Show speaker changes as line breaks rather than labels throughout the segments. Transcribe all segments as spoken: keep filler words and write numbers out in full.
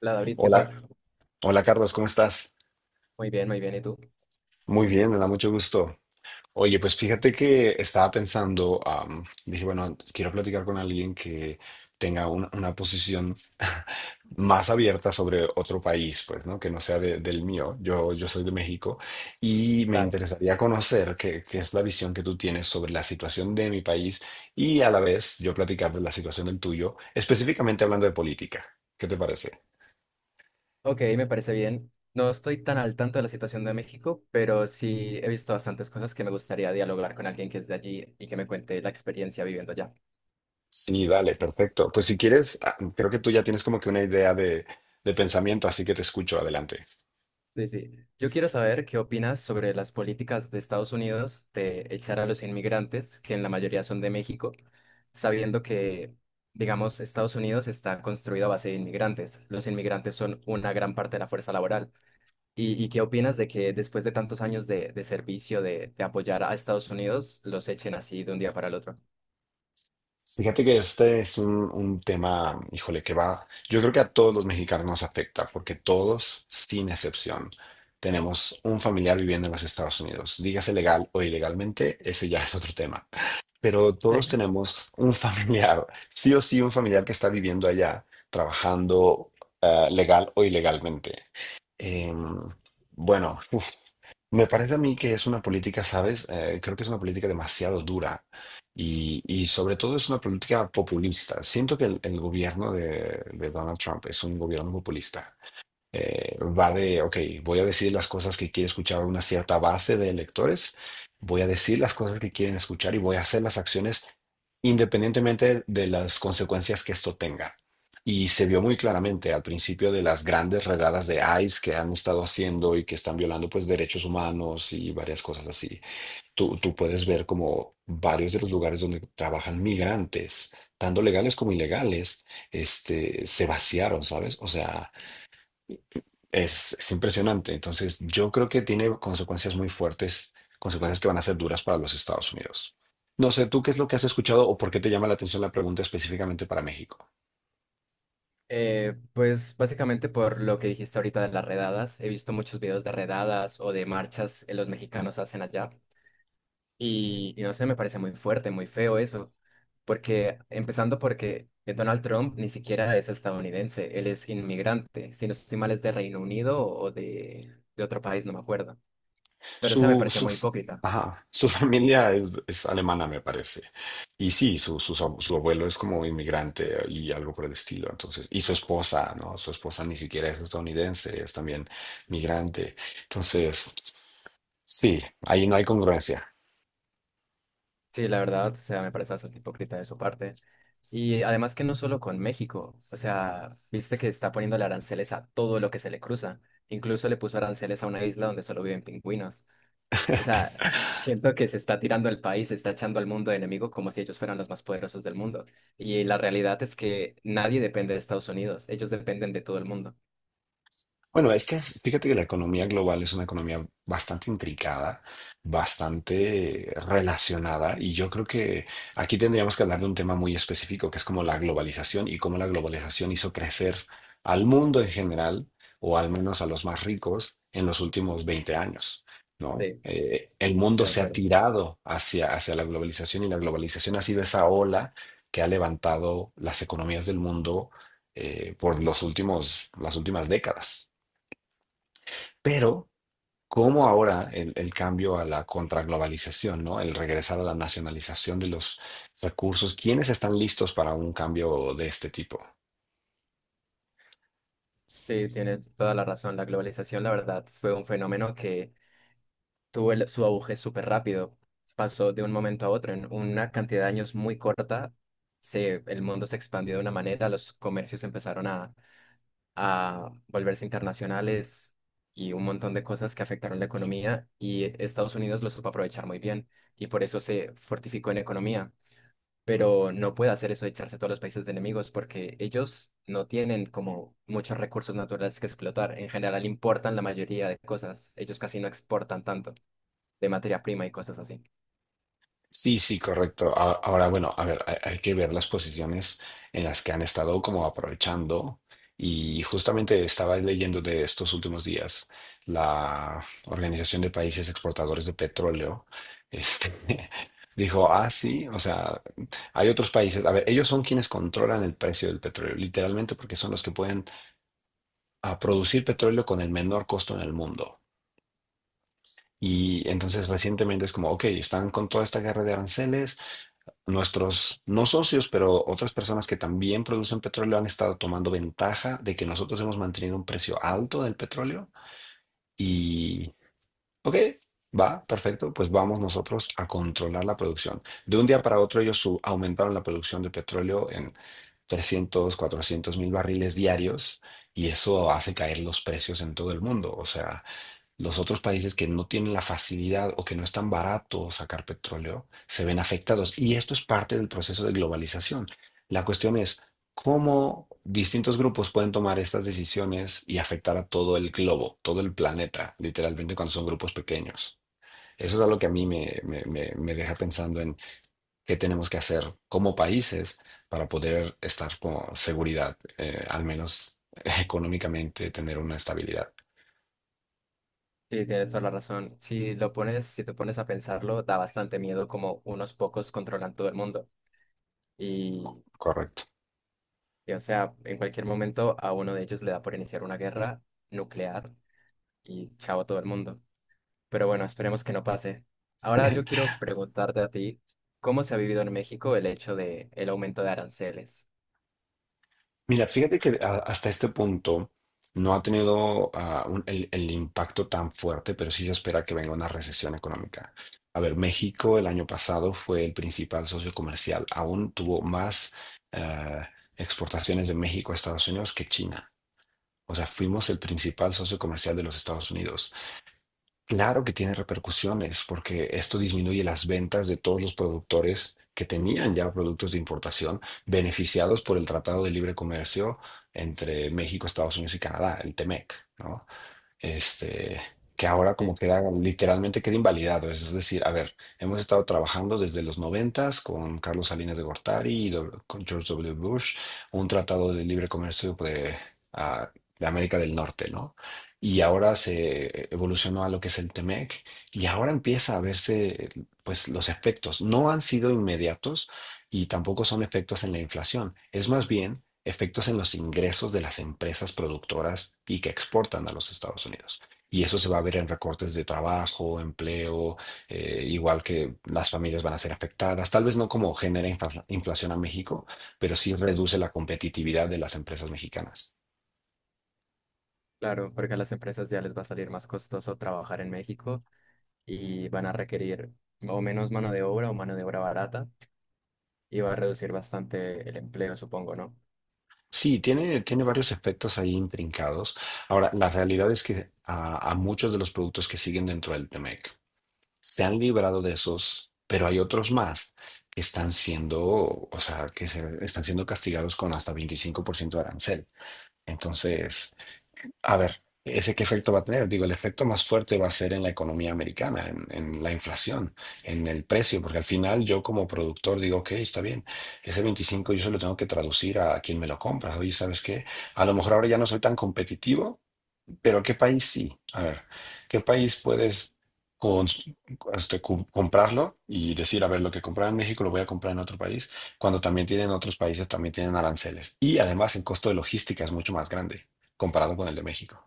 La David, ¿qué
Hola,
tal?
hola Carlos, ¿cómo estás?
Muy bien, muy bien. ¿Y tú?
Muy bien, me da mucho gusto. Oye, pues fíjate que estaba pensando, am, dije, bueno, quiero platicar con alguien que tenga una, una posición más abierta sobre otro país, pues, ¿no? Que no sea de- del mío. Yo, yo soy de México y me
Claro.
interesaría conocer qué, qué es la visión que tú tienes sobre la situación de mi país y a la vez yo platicar de la situación del tuyo, específicamente hablando de política. ¿Qué te parece?
Ok, me parece bien. No estoy tan al tanto de la situación de México, pero sí he visto bastantes cosas que me gustaría dialogar con alguien que es de allí y que me cuente la experiencia viviendo allá.
Sí, dale, perfecto. Pues si quieres, ah, creo que tú ya tienes como que una idea de, de pensamiento, así que te escucho, adelante.
Sí, sí. Yo quiero saber qué opinas sobre las políticas de Estados Unidos de echar a los inmigrantes, que en la mayoría son de México, sabiendo que, digamos, Estados Unidos está construido a base de inmigrantes. Los inmigrantes son una gran parte de la fuerza laboral. ¿Y, y qué opinas de que después de tantos años de, de servicio, de, de apoyar a Estados Unidos, los echen así de un día para el otro?
Fíjate que este es un, un tema, híjole, que va, yo creo que a todos los mexicanos nos afecta, porque todos, sin excepción, tenemos un familiar viviendo en los Estados Unidos, dígase legal o ilegalmente, ese ya es otro tema, pero todos tenemos un familiar, sí o sí, un familiar que está viviendo allá, trabajando, ah, legal o ilegalmente. Em, bueno, me parece a mí que es una política, ¿sabes? Eh, creo que es una política demasiado dura y, y sobre todo es una política populista. Siento que el, el gobierno de, de Donald Trump es un gobierno populista, eh, va de, ok, voy a decir las cosas que quiere escuchar una cierta base de electores, voy a decir las cosas que quieren escuchar y voy a hacer las acciones independientemente de las consecuencias que esto tenga. Y se vio muy claramente al principio de las grandes redadas de I C E que han estado haciendo y que están violando pues derechos humanos y varias cosas así. Tú, tú puedes ver como varios de los lugares donde trabajan migrantes, tanto legales como ilegales, este, se vaciaron, ¿sabes? O sea, es, es impresionante. Entonces, yo creo que tiene consecuencias muy fuertes, consecuencias que van a ser duras para los Estados Unidos. No sé, ¿tú qué es lo que has escuchado o por qué te llama la atención la pregunta específicamente para México?
Eh, pues básicamente por lo que dijiste ahorita de las redadas, he visto muchos videos de redadas o de marchas que los mexicanos hacen allá y, y no sé, me parece muy fuerte, muy feo eso, porque empezando porque Donald Trump ni siquiera es estadounidense, él es inmigrante, si no estoy mal es de Reino Unido o de, de otro país, no me acuerdo. Pero esa me
Su,
parece
su,
muy hipócrita.
ajá, su familia es, es alemana, me parece. Y sí, su, su, su su abuelo es como inmigrante, eh, y algo por el estilo. Entonces, y su esposa, ¿no? Su esposa ni siquiera es estadounidense, es también migrante. Entonces, sí, ahí no hay congruencia.
Sí, la verdad, o sea, me parece bastante hipócrita de su parte. Y además que no solo con México, o sea, viste que está poniendo aranceles a todo lo que se le cruza. Incluso le puso aranceles a una isla donde solo viven pingüinos. O sea, siento que se está tirando el país, se está echando al mundo de enemigo como si ellos fueran los más poderosos del mundo. Y la realidad es que nadie depende de Estados Unidos, ellos dependen de todo el mundo.
Bueno, es que es- fíjate que la economía global es una economía bastante intricada, bastante relacionada, y yo creo que aquí tendríamos que hablar de un tema muy específico, que es como la globalización y cómo la globalización hizo crecer al mundo en general, o al menos a los más ricos, en los últimos veinte años,
Sí,
¿no?
estoy
Eh, el mundo
de
se ha
acuerdo.
tirado hacia, hacia la globalización y la globalización ha sido esa ola que ha levantado las economías del mundo, eh, por los últimos, las últimas décadas. Pero, como ahora el, el cambio a la contraglobalización, ¿no? El regresar a la nacionalización de los recursos, ¿quiénes están listos para un cambio de este tipo?
Sí, tienes toda la razón. La globalización, la verdad, fue un fenómeno que tuvo el- su auge súper rápido. Pasó de un momento a otro. En una cantidad de años muy corta, se, el mundo se expandió de una manera, los comercios empezaron a a volverse internacionales y un montón de cosas que afectaron la economía y Estados Unidos lo supo aprovechar muy bien y por eso se fortificó en economía. Pero no puede hacer eso de echarse a todos los países de enemigos porque ellos no tienen como muchos recursos naturales que explotar. En general importan la mayoría de cosas. Ellos casi no exportan tanto de materia prima y cosas así.
Sí, sí, correcto. A- Ahora, bueno, a ver, hay, hay que ver las posiciones en las que han estado como aprovechando. Y justamente estaba leyendo de estos últimos días la Organización de Países Exportadores de Petróleo, este, dijo, ah, sí, o sea, hay otros países, a ver, ellos son quienes controlan el precio del petróleo, literalmente porque son los que pueden, ah, producir petróleo con el menor costo en el mundo. Y entonces recientemente es como, ok, están con toda esta guerra de aranceles. Nuestros, no socios, pero otras personas que también producen petróleo han estado tomando ventaja de que nosotros hemos mantenido un precio alto del petróleo y, ok, va, perfecto, pues vamos nosotros a controlar la producción. De un día para otro ellos su- aumentaron la producción de petróleo en trescientos cuatrocientos mil barriles diarios y eso hace caer los precios en todo el mundo. O sea, los otros países que no tienen la facilidad o que no es tan barato sacar petróleo se ven afectados. Y esto es parte del proceso de globalización. La cuestión es cómo distintos grupos pueden tomar estas decisiones y afectar a todo el globo, todo el planeta, literalmente cuando son grupos pequeños. Eso es algo que a mí me, me- me- me deja pensando en qué tenemos que hacer como países para poder estar con seguridad, eh, al menos económicamente, tener una estabilidad.
Sí, tienes toda la razón. Si lo pones, si te pones a pensarlo, da bastante miedo como unos pocos controlan todo el mundo. Y
Correcto.
Y, o sea, en cualquier momento a uno de ellos le da por iniciar una guerra nuclear y chao a todo el mundo. Pero bueno, esperemos que no pase. Ahora yo quiero preguntarte a ti, ¿cómo se ha vivido en México el hecho de el aumento de aranceles?
Mira, fíjate que a- hasta este punto no ha tenido, ah, un- el, el impacto tan fuerte, pero sí se espera que venga una recesión económica. A ver, México el año pasado fue el principal socio comercial. Aún tuvo más, ah, exportaciones de México a Estados Unidos que China. O sea, fuimos el principal socio comercial de los Estados Unidos. Claro que tiene repercusiones, porque esto disminuye las ventas de todos los productores que tenían ya productos de importación beneficiados por el Tratado de Libre Comercio entre México, Estados Unidos y Canadá, el T M E C, ¿no? este, que ahora como
Sí,
que era literalmente queda invalidado. Es decir, a ver, hemos estado trabajando desde los noventas con Carlos Salinas de Gortari y do- con George W. Bush, un tratado de libre comercio de, ah, de América del Norte, ¿no? Y ahora se evolucionó a lo que es el Temec y ahora empieza a verse, eh, pues los efectos. No han sido inmediatos y tampoco son efectos en la inflación. Es más bien efectos en los ingresos de las empresas productoras y que exportan a los Estados Unidos. Y eso se va a ver en recortes de trabajo, empleo, eh, igual que las familias van a ser afectadas, tal vez no como genera infla- inflación a México, pero sí reduce la competitividad de las empresas mexicanas.
claro, porque a las empresas ya les va a salir más costoso trabajar en México y van a requerir o menos mano de obra o mano de obra barata y va a reducir bastante el empleo, supongo, ¿no?
Sí, tiene, tiene varios efectos ahí intrincados. Ahora, la realidad es que a, a muchos de los productos que siguen dentro del t M E C se han librado de esos, pero hay otros más que están siendo, o sea, que se, están siendo castigados con hasta veinticinco por ciento de arancel. Entonces, a ver, ¿ese qué efecto va a tener? Digo, el efecto más fuerte va a ser en la economía americana, en, en la inflación, en el precio, porque al final yo como productor digo, ok, está bien, ese veinticinco yo se lo tengo que traducir a quien me lo compra. Oye, ¿sabes qué? A lo mejor ahora ya no soy tan competitivo, pero ¿qué país sí? A ver, ¿qué país puedes cons- este, cum- comprarlo y decir, a ver, lo que compraba en México lo voy a comprar en otro país, cuando también tienen otros países, también tienen aranceles? Y además el costo de logística es mucho más grande comparado con el de México.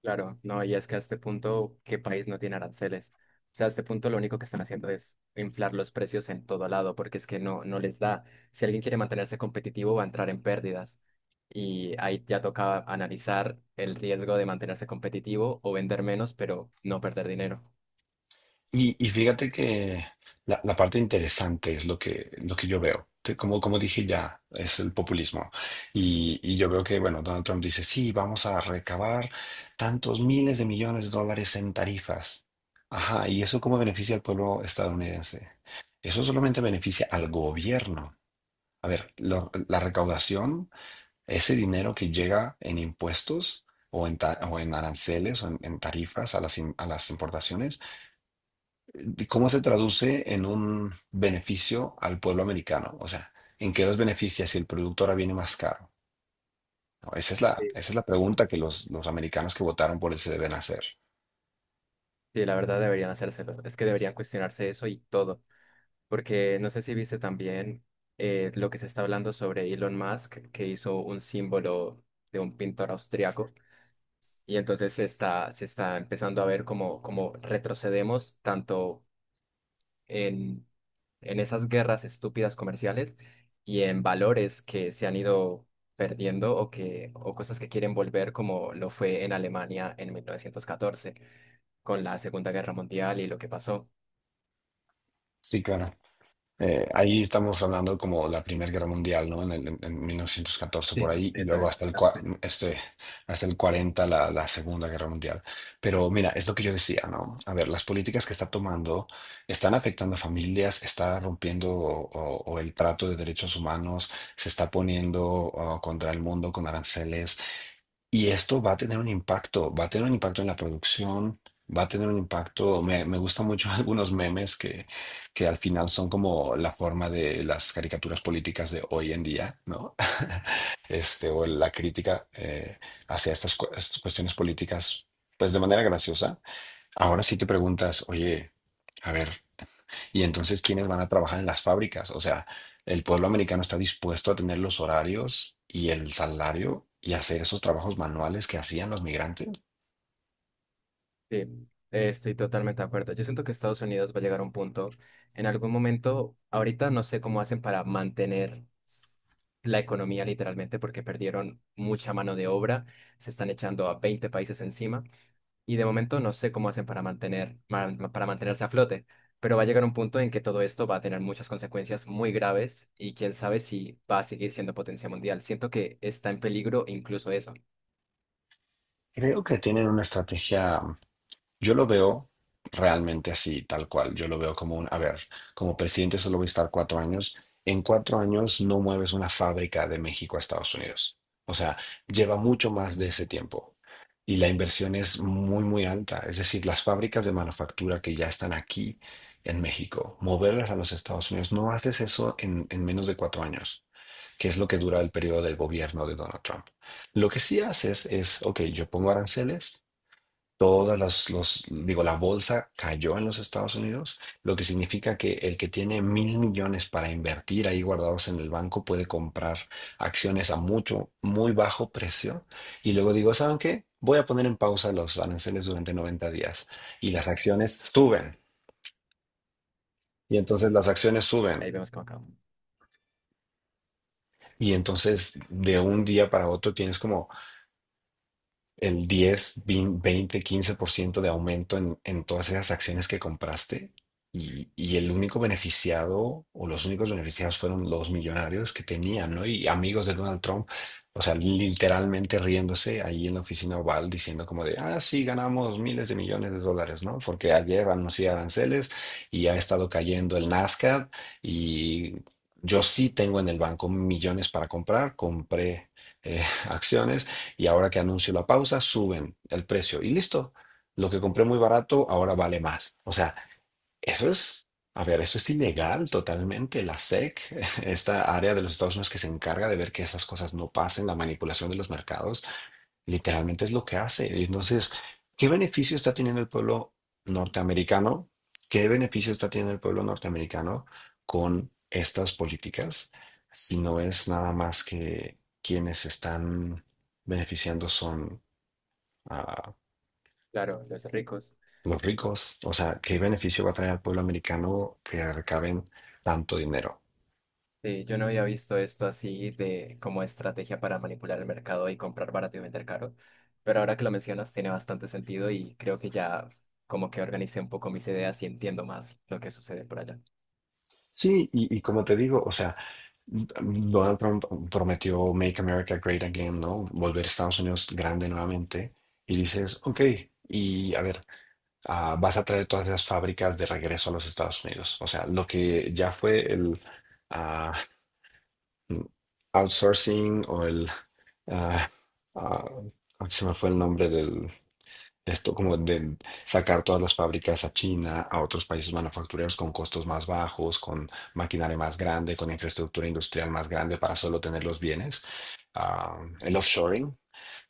Claro, no, y es que a este punto, ¿qué país no tiene aranceles? O sea, a este punto lo único que están haciendo es inflar los precios en todo lado, porque es que no, no les da. Si alguien quiere mantenerse competitivo, va a entrar en pérdidas. Y ahí ya toca analizar el riesgo de mantenerse competitivo o vender menos, pero no perder dinero.
Y, y fíjate que la, la parte interesante es lo que, lo que yo veo. Te- Como, como dije ya, es el populismo. Y, y yo veo que, bueno, Donald Trump dice, sí, vamos a recabar tantos miles de millones de dólares en tarifas. Ajá, ¿y eso cómo beneficia al pueblo estadounidense? Eso solamente beneficia al gobierno. A ver, lo- la recaudación, ese dinero que llega en impuestos o en, ta- o en aranceles o en, en tarifas a las, im- a las importaciones, ¿cómo se traduce en un beneficio al pueblo americano? O sea, ¿en qué los beneficia si el producto ahora viene más caro? No, esa es la,
Sí,
esa es la pregunta que los, los americanos que votaron por él se deben hacer.
sí, la verdad deberían hacérselo. Es que deberían cuestionarse eso y todo. Porque no sé si viste también eh, lo que se está hablando sobre Elon Musk, que hizo un símbolo de un pintor austriaco. Y entonces se está, se está empezando a ver cómo, cómo retrocedemos tanto en, en esas guerras estúpidas comerciales y en valores que se han ido perdiendo o, que, o cosas que quieren volver como lo fue en Alemania en mil novecientos catorce con la Segunda Guerra Mundial y lo que pasó.
Sí, claro. Eh, ahí estamos hablando como la Primera Guerra Mundial, ¿no? En, el- en- en mil novecientos catorce por
Sí,
ahí y
eso
luego
es.
hasta el, cua- este, hasta el cuarenta la, la Segunda Guerra Mundial. Pero mira, es lo que yo decía, ¿no? A ver, las políticas que está tomando están afectando a familias, está rompiendo o, o- o el trato de derechos humanos, se está poniendo, oh, contra el mundo con aranceles. Y esto va a tener un impacto, va a tener un impacto en la producción, va a tener un impacto, me, me gustan mucho algunos memes que, que al final son como la forma de las caricaturas políticas de hoy en día, ¿no? Este, o la crítica, eh, hacia estas, cu- estas cuestiones políticas, pues de manera graciosa. Ahora sí te preguntas, oye, a ver. Y entonces, ¿quiénes van a trabajar en las fábricas? O sea, el pueblo americano está dispuesto a tener los horarios y el salario y hacer esos trabajos manuales que hacían los migrantes.
Sí, eh, estoy totalmente de acuerdo. Yo siento que Estados Unidos va a llegar a un punto, en algún momento, ahorita no sé cómo hacen para mantener la economía literalmente porque perdieron mucha mano de obra, se están echando a veinte países encima y de momento no sé cómo hacen para mantener, ma- ma- para mantenerse a flote, pero va a llegar un punto en que todo esto va a tener muchas consecuencias muy graves y quién sabe si va a seguir siendo potencia mundial. Siento que está en peligro incluso eso.
Creo que tienen una estrategia. Yo lo veo realmente así, tal cual. Yo lo veo como un, a ver, como presidente solo voy a estar cuatro años. En cuatro años no mueves una fábrica de México a Estados Unidos. O sea, lleva mucho más de ese tiempo. Y la inversión es muy, muy alta. Es decir, las fábricas de manufactura que ya están aquí en México, moverlas a los Estados Unidos, no haces eso en, en menos de cuatro años, que es lo que dura el periodo del gobierno de Donald Trump. Lo que sí haces es, ok, yo pongo aranceles. Todas las, los, digo, la bolsa cayó en los Estados Unidos, lo que significa que el que tiene mil millones para invertir ahí guardados en el banco puede comprar acciones a mucho, muy bajo precio. Y luego digo, ¿saben qué? Voy a poner en pausa los aranceles durante noventa días y las acciones suben. Y entonces las acciones suben.
Ahí vemos cómo acaba.
Y entonces de un día para otro tienes como el diez veinte quince por ciento de aumento en, en todas esas acciones que compraste y, y el único beneficiado o los únicos beneficiados fueron los millonarios que tenían, ¿no? Y amigos de Donald Trump, o sea, literalmente riéndose ahí en la oficina Oval diciendo como de, ah, sí, ganamos miles de millones de dólares, ¿no? Porque ayer anuncié aranceles y ha estado cayendo el Nasdaq y yo sí tengo en el banco millones para comprar, compré eh, acciones y ahora que anuncio la pausa, suben el precio y listo. Lo que compré muy barato ahora vale más. O sea, eso es, a ver, eso es ilegal totalmente. La S E C, esta área de los Estados Unidos que se encarga de ver que esas cosas no pasen, la manipulación de los mercados, literalmente es lo que hace. Entonces, ¿qué beneficio está teniendo el pueblo norteamericano? ¿Qué beneficio está teniendo el pueblo norteamericano con estas políticas? Si no es nada más que quienes están beneficiando son ah,
Claro, los ricos.
los ricos. O sea, ¿qué beneficio va a traer al pueblo americano que recaben tanto dinero?
Sí, yo no había visto esto así de como estrategia para manipular el mercado y comprar barato y vender caro, pero ahora que lo mencionas tiene bastante sentido y creo que ya como que organicé un poco mis ideas y entiendo más lo que sucede por allá.
Sí, y, y como te digo, o sea, Donald Trump prometió Make America Great Again, ¿no? Volver a Estados Unidos grande nuevamente. Y dices, ok, y a ver, ah, vas a traer todas esas fábricas de regreso a los Estados Unidos. O sea, lo que ya fue el ah, outsourcing o el... ah, ah, se me fue el nombre del... Esto como de sacar todas las fábricas a China, a otros países manufactureros con costos más bajos, con maquinaria más grande, con infraestructura industrial más grande para solo tener los bienes. Ah, el offshoring,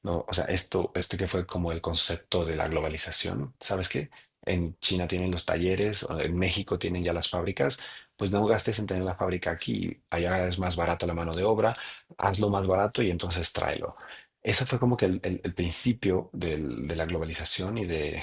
no, o sea, esto, esto que fue como el concepto de la globalización, ¿sabes qué? En China tienen los talleres, o en México tienen ya las fábricas, pues no gastes en tener la fábrica aquí, allá es más barato la mano de obra, hazlo más barato y entonces tráelo. Eso fue como que el, el- el principio del- de la globalización y de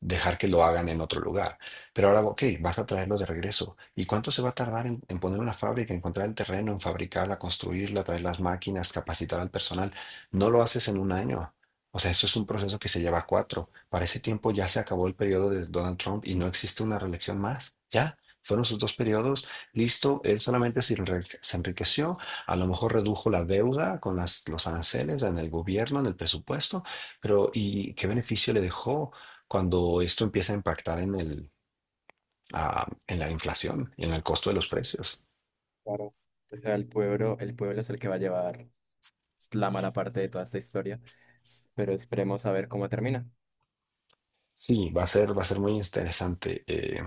dejar que lo hagan en otro lugar. Pero ahora, ok, vas a traerlo de regreso. ¿Y cuánto se va a tardar en, en poner una fábrica, encontrar el terreno, en fabricarla, construirla, traer las máquinas, capacitar al personal? No lo haces en un año. O sea, eso es un proceso que se lleva cuatro. Para ese tiempo ya se acabó el periodo de Donald Trump y no existe una reelección más. Ya, fueron sus dos periodos. Listo, él solamente se enrique- se enriqueció. A lo mejor redujo la deuda con las- los aranceles en el gobierno, en el presupuesto. Pero, ¿y qué beneficio le dejó cuando esto empieza a impactar en el, ah, en la inflación y en el costo de los precios?
Claro. O sea, el pueblo, el pueblo es el que va a llevar la mala parte de toda esta historia, pero esperemos a ver cómo termina.
Sí, va a ser, va a ser muy interesante. eh,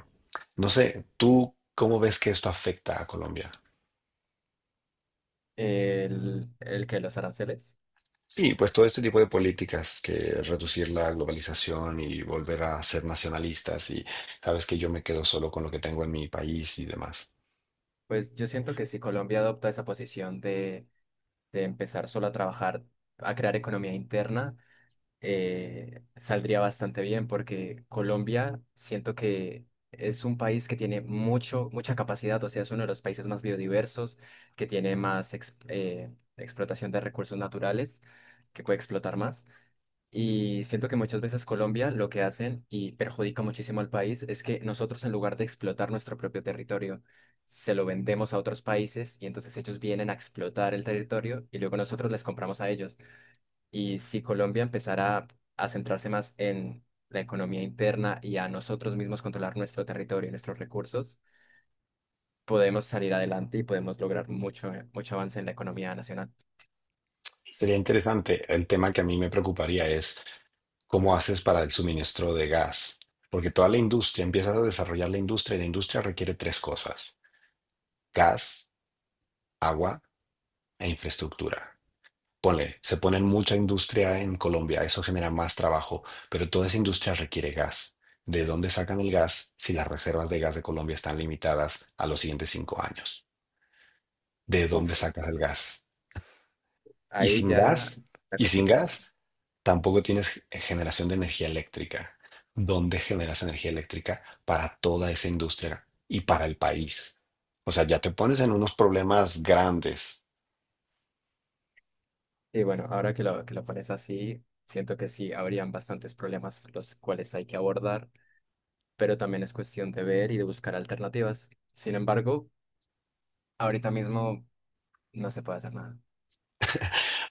No sé, ¿tú cómo ves que esto afecta a Colombia?
El, el que los aranceles.
Sí, pues todo este tipo de políticas que reducir la globalización y volver a ser nacionalistas y sabes que yo me quedo solo con lo que tengo en mi país y demás.
Pues yo siento que si Colombia adopta esa posición de, de empezar solo a trabajar, a crear economía interna, eh, saldría bastante bien porque Colombia siento que es un país que tiene mucho, mucha capacidad, o sea, es uno de los países más biodiversos, que tiene más ex- eh, explotación de recursos naturales, que puede explotar más. Y siento que muchas veces Colombia lo que hacen y perjudica muchísimo al país es que nosotros en lugar de explotar nuestro propio territorio, se lo vendemos a otros países y entonces ellos vienen a explotar el territorio y luego nosotros les compramos a ellos. Y si Colombia empezara a a centrarse más en la economía interna y a nosotros mismos controlar nuestro territorio y nuestros recursos, podemos salir adelante y podemos lograr mucho, mucho avance en la economía nacional.
Sería interesante. El tema que a mí me preocuparía es cómo haces para el suministro de gas, porque toda la industria, empiezas a desarrollar la industria y la industria requiere tres cosas, gas, agua e infraestructura. Ponle, se pone mucha industria en Colombia, eso genera más trabajo, pero toda esa industria requiere gas. ¿De dónde sacan el gas si las reservas de gas de Colombia están limitadas a los siguientes cinco años? ¿De dónde
Uf,
sacas el gas? Y
ahí
sin
ya
gas,
está
y sin
complicado.
gas, tampoco tienes generación de energía eléctrica. ¿Dónde generas energía eléctrica para toda esa industria y para el país? O sea, ya te pones en unos problemas grandes.
Y bueno, ahora que lo, que lo pones así, siento que sí, habrían bastantes problemas los cuales hay que abordar, pero también es cuestión de ver y de buscar alternativas. Sin embargo, ahorita mismo no se puede hacer nada.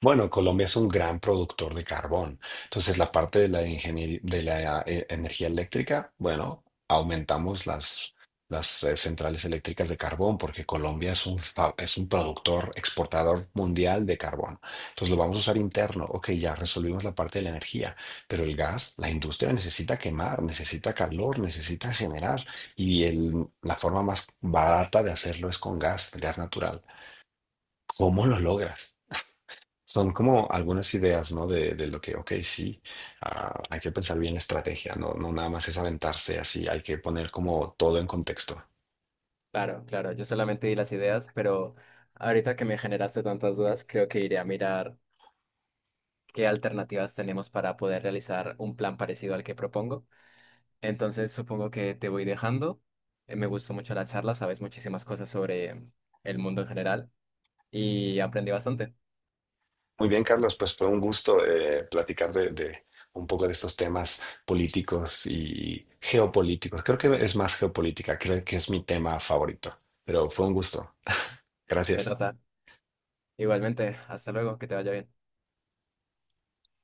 Bueno, Colombia es un gran productor de carbón. Entonces, la parte de la ingeniería de la eh, energía eléctrica, bueno, aumentamos las, las eh, centrales eléctricas de carbón porque Colombia es un, fa- es un productor exportador mundial de carbón. Entonces, lo vamos a usar interno. Ok, ya resolvimos la parte de la energía, pero el gas, la industria necesita quemar, necesita calor, necesita generar. Y el- la forma más barata de hacerlo es con gas, gas natural. ¿Cómo lo logras? Son como algunas ideas, ¿no? De, de lo que, ok, sí, ah, hay que pensar bien la estrategia, no, no nada más es aventarse así, hay que poner como todo en contexto.
Claro, claro, yo solamente di las ideas, pero ahorita que me generaste tantas dudas, creo que iré a mirar qué alternativas tenemos para poder realizar un plan parecido al que propongo. Entonces, supongo que te voy dejando. Eh, Me gustó mucho la charla, sabes muchísimas cosas sobre el mundo en general y aprendí bastante.
Muy bien, Carlos, pues fue un gusto eh, platicar de, de un poco de estos temas políticos y geopolíticos. Creo que es más geopolítica, creo que es mi tema favorito, pero fue un gusto.
De
Gracias.
nota. Igualmente, hasta luego, que te vaya bien.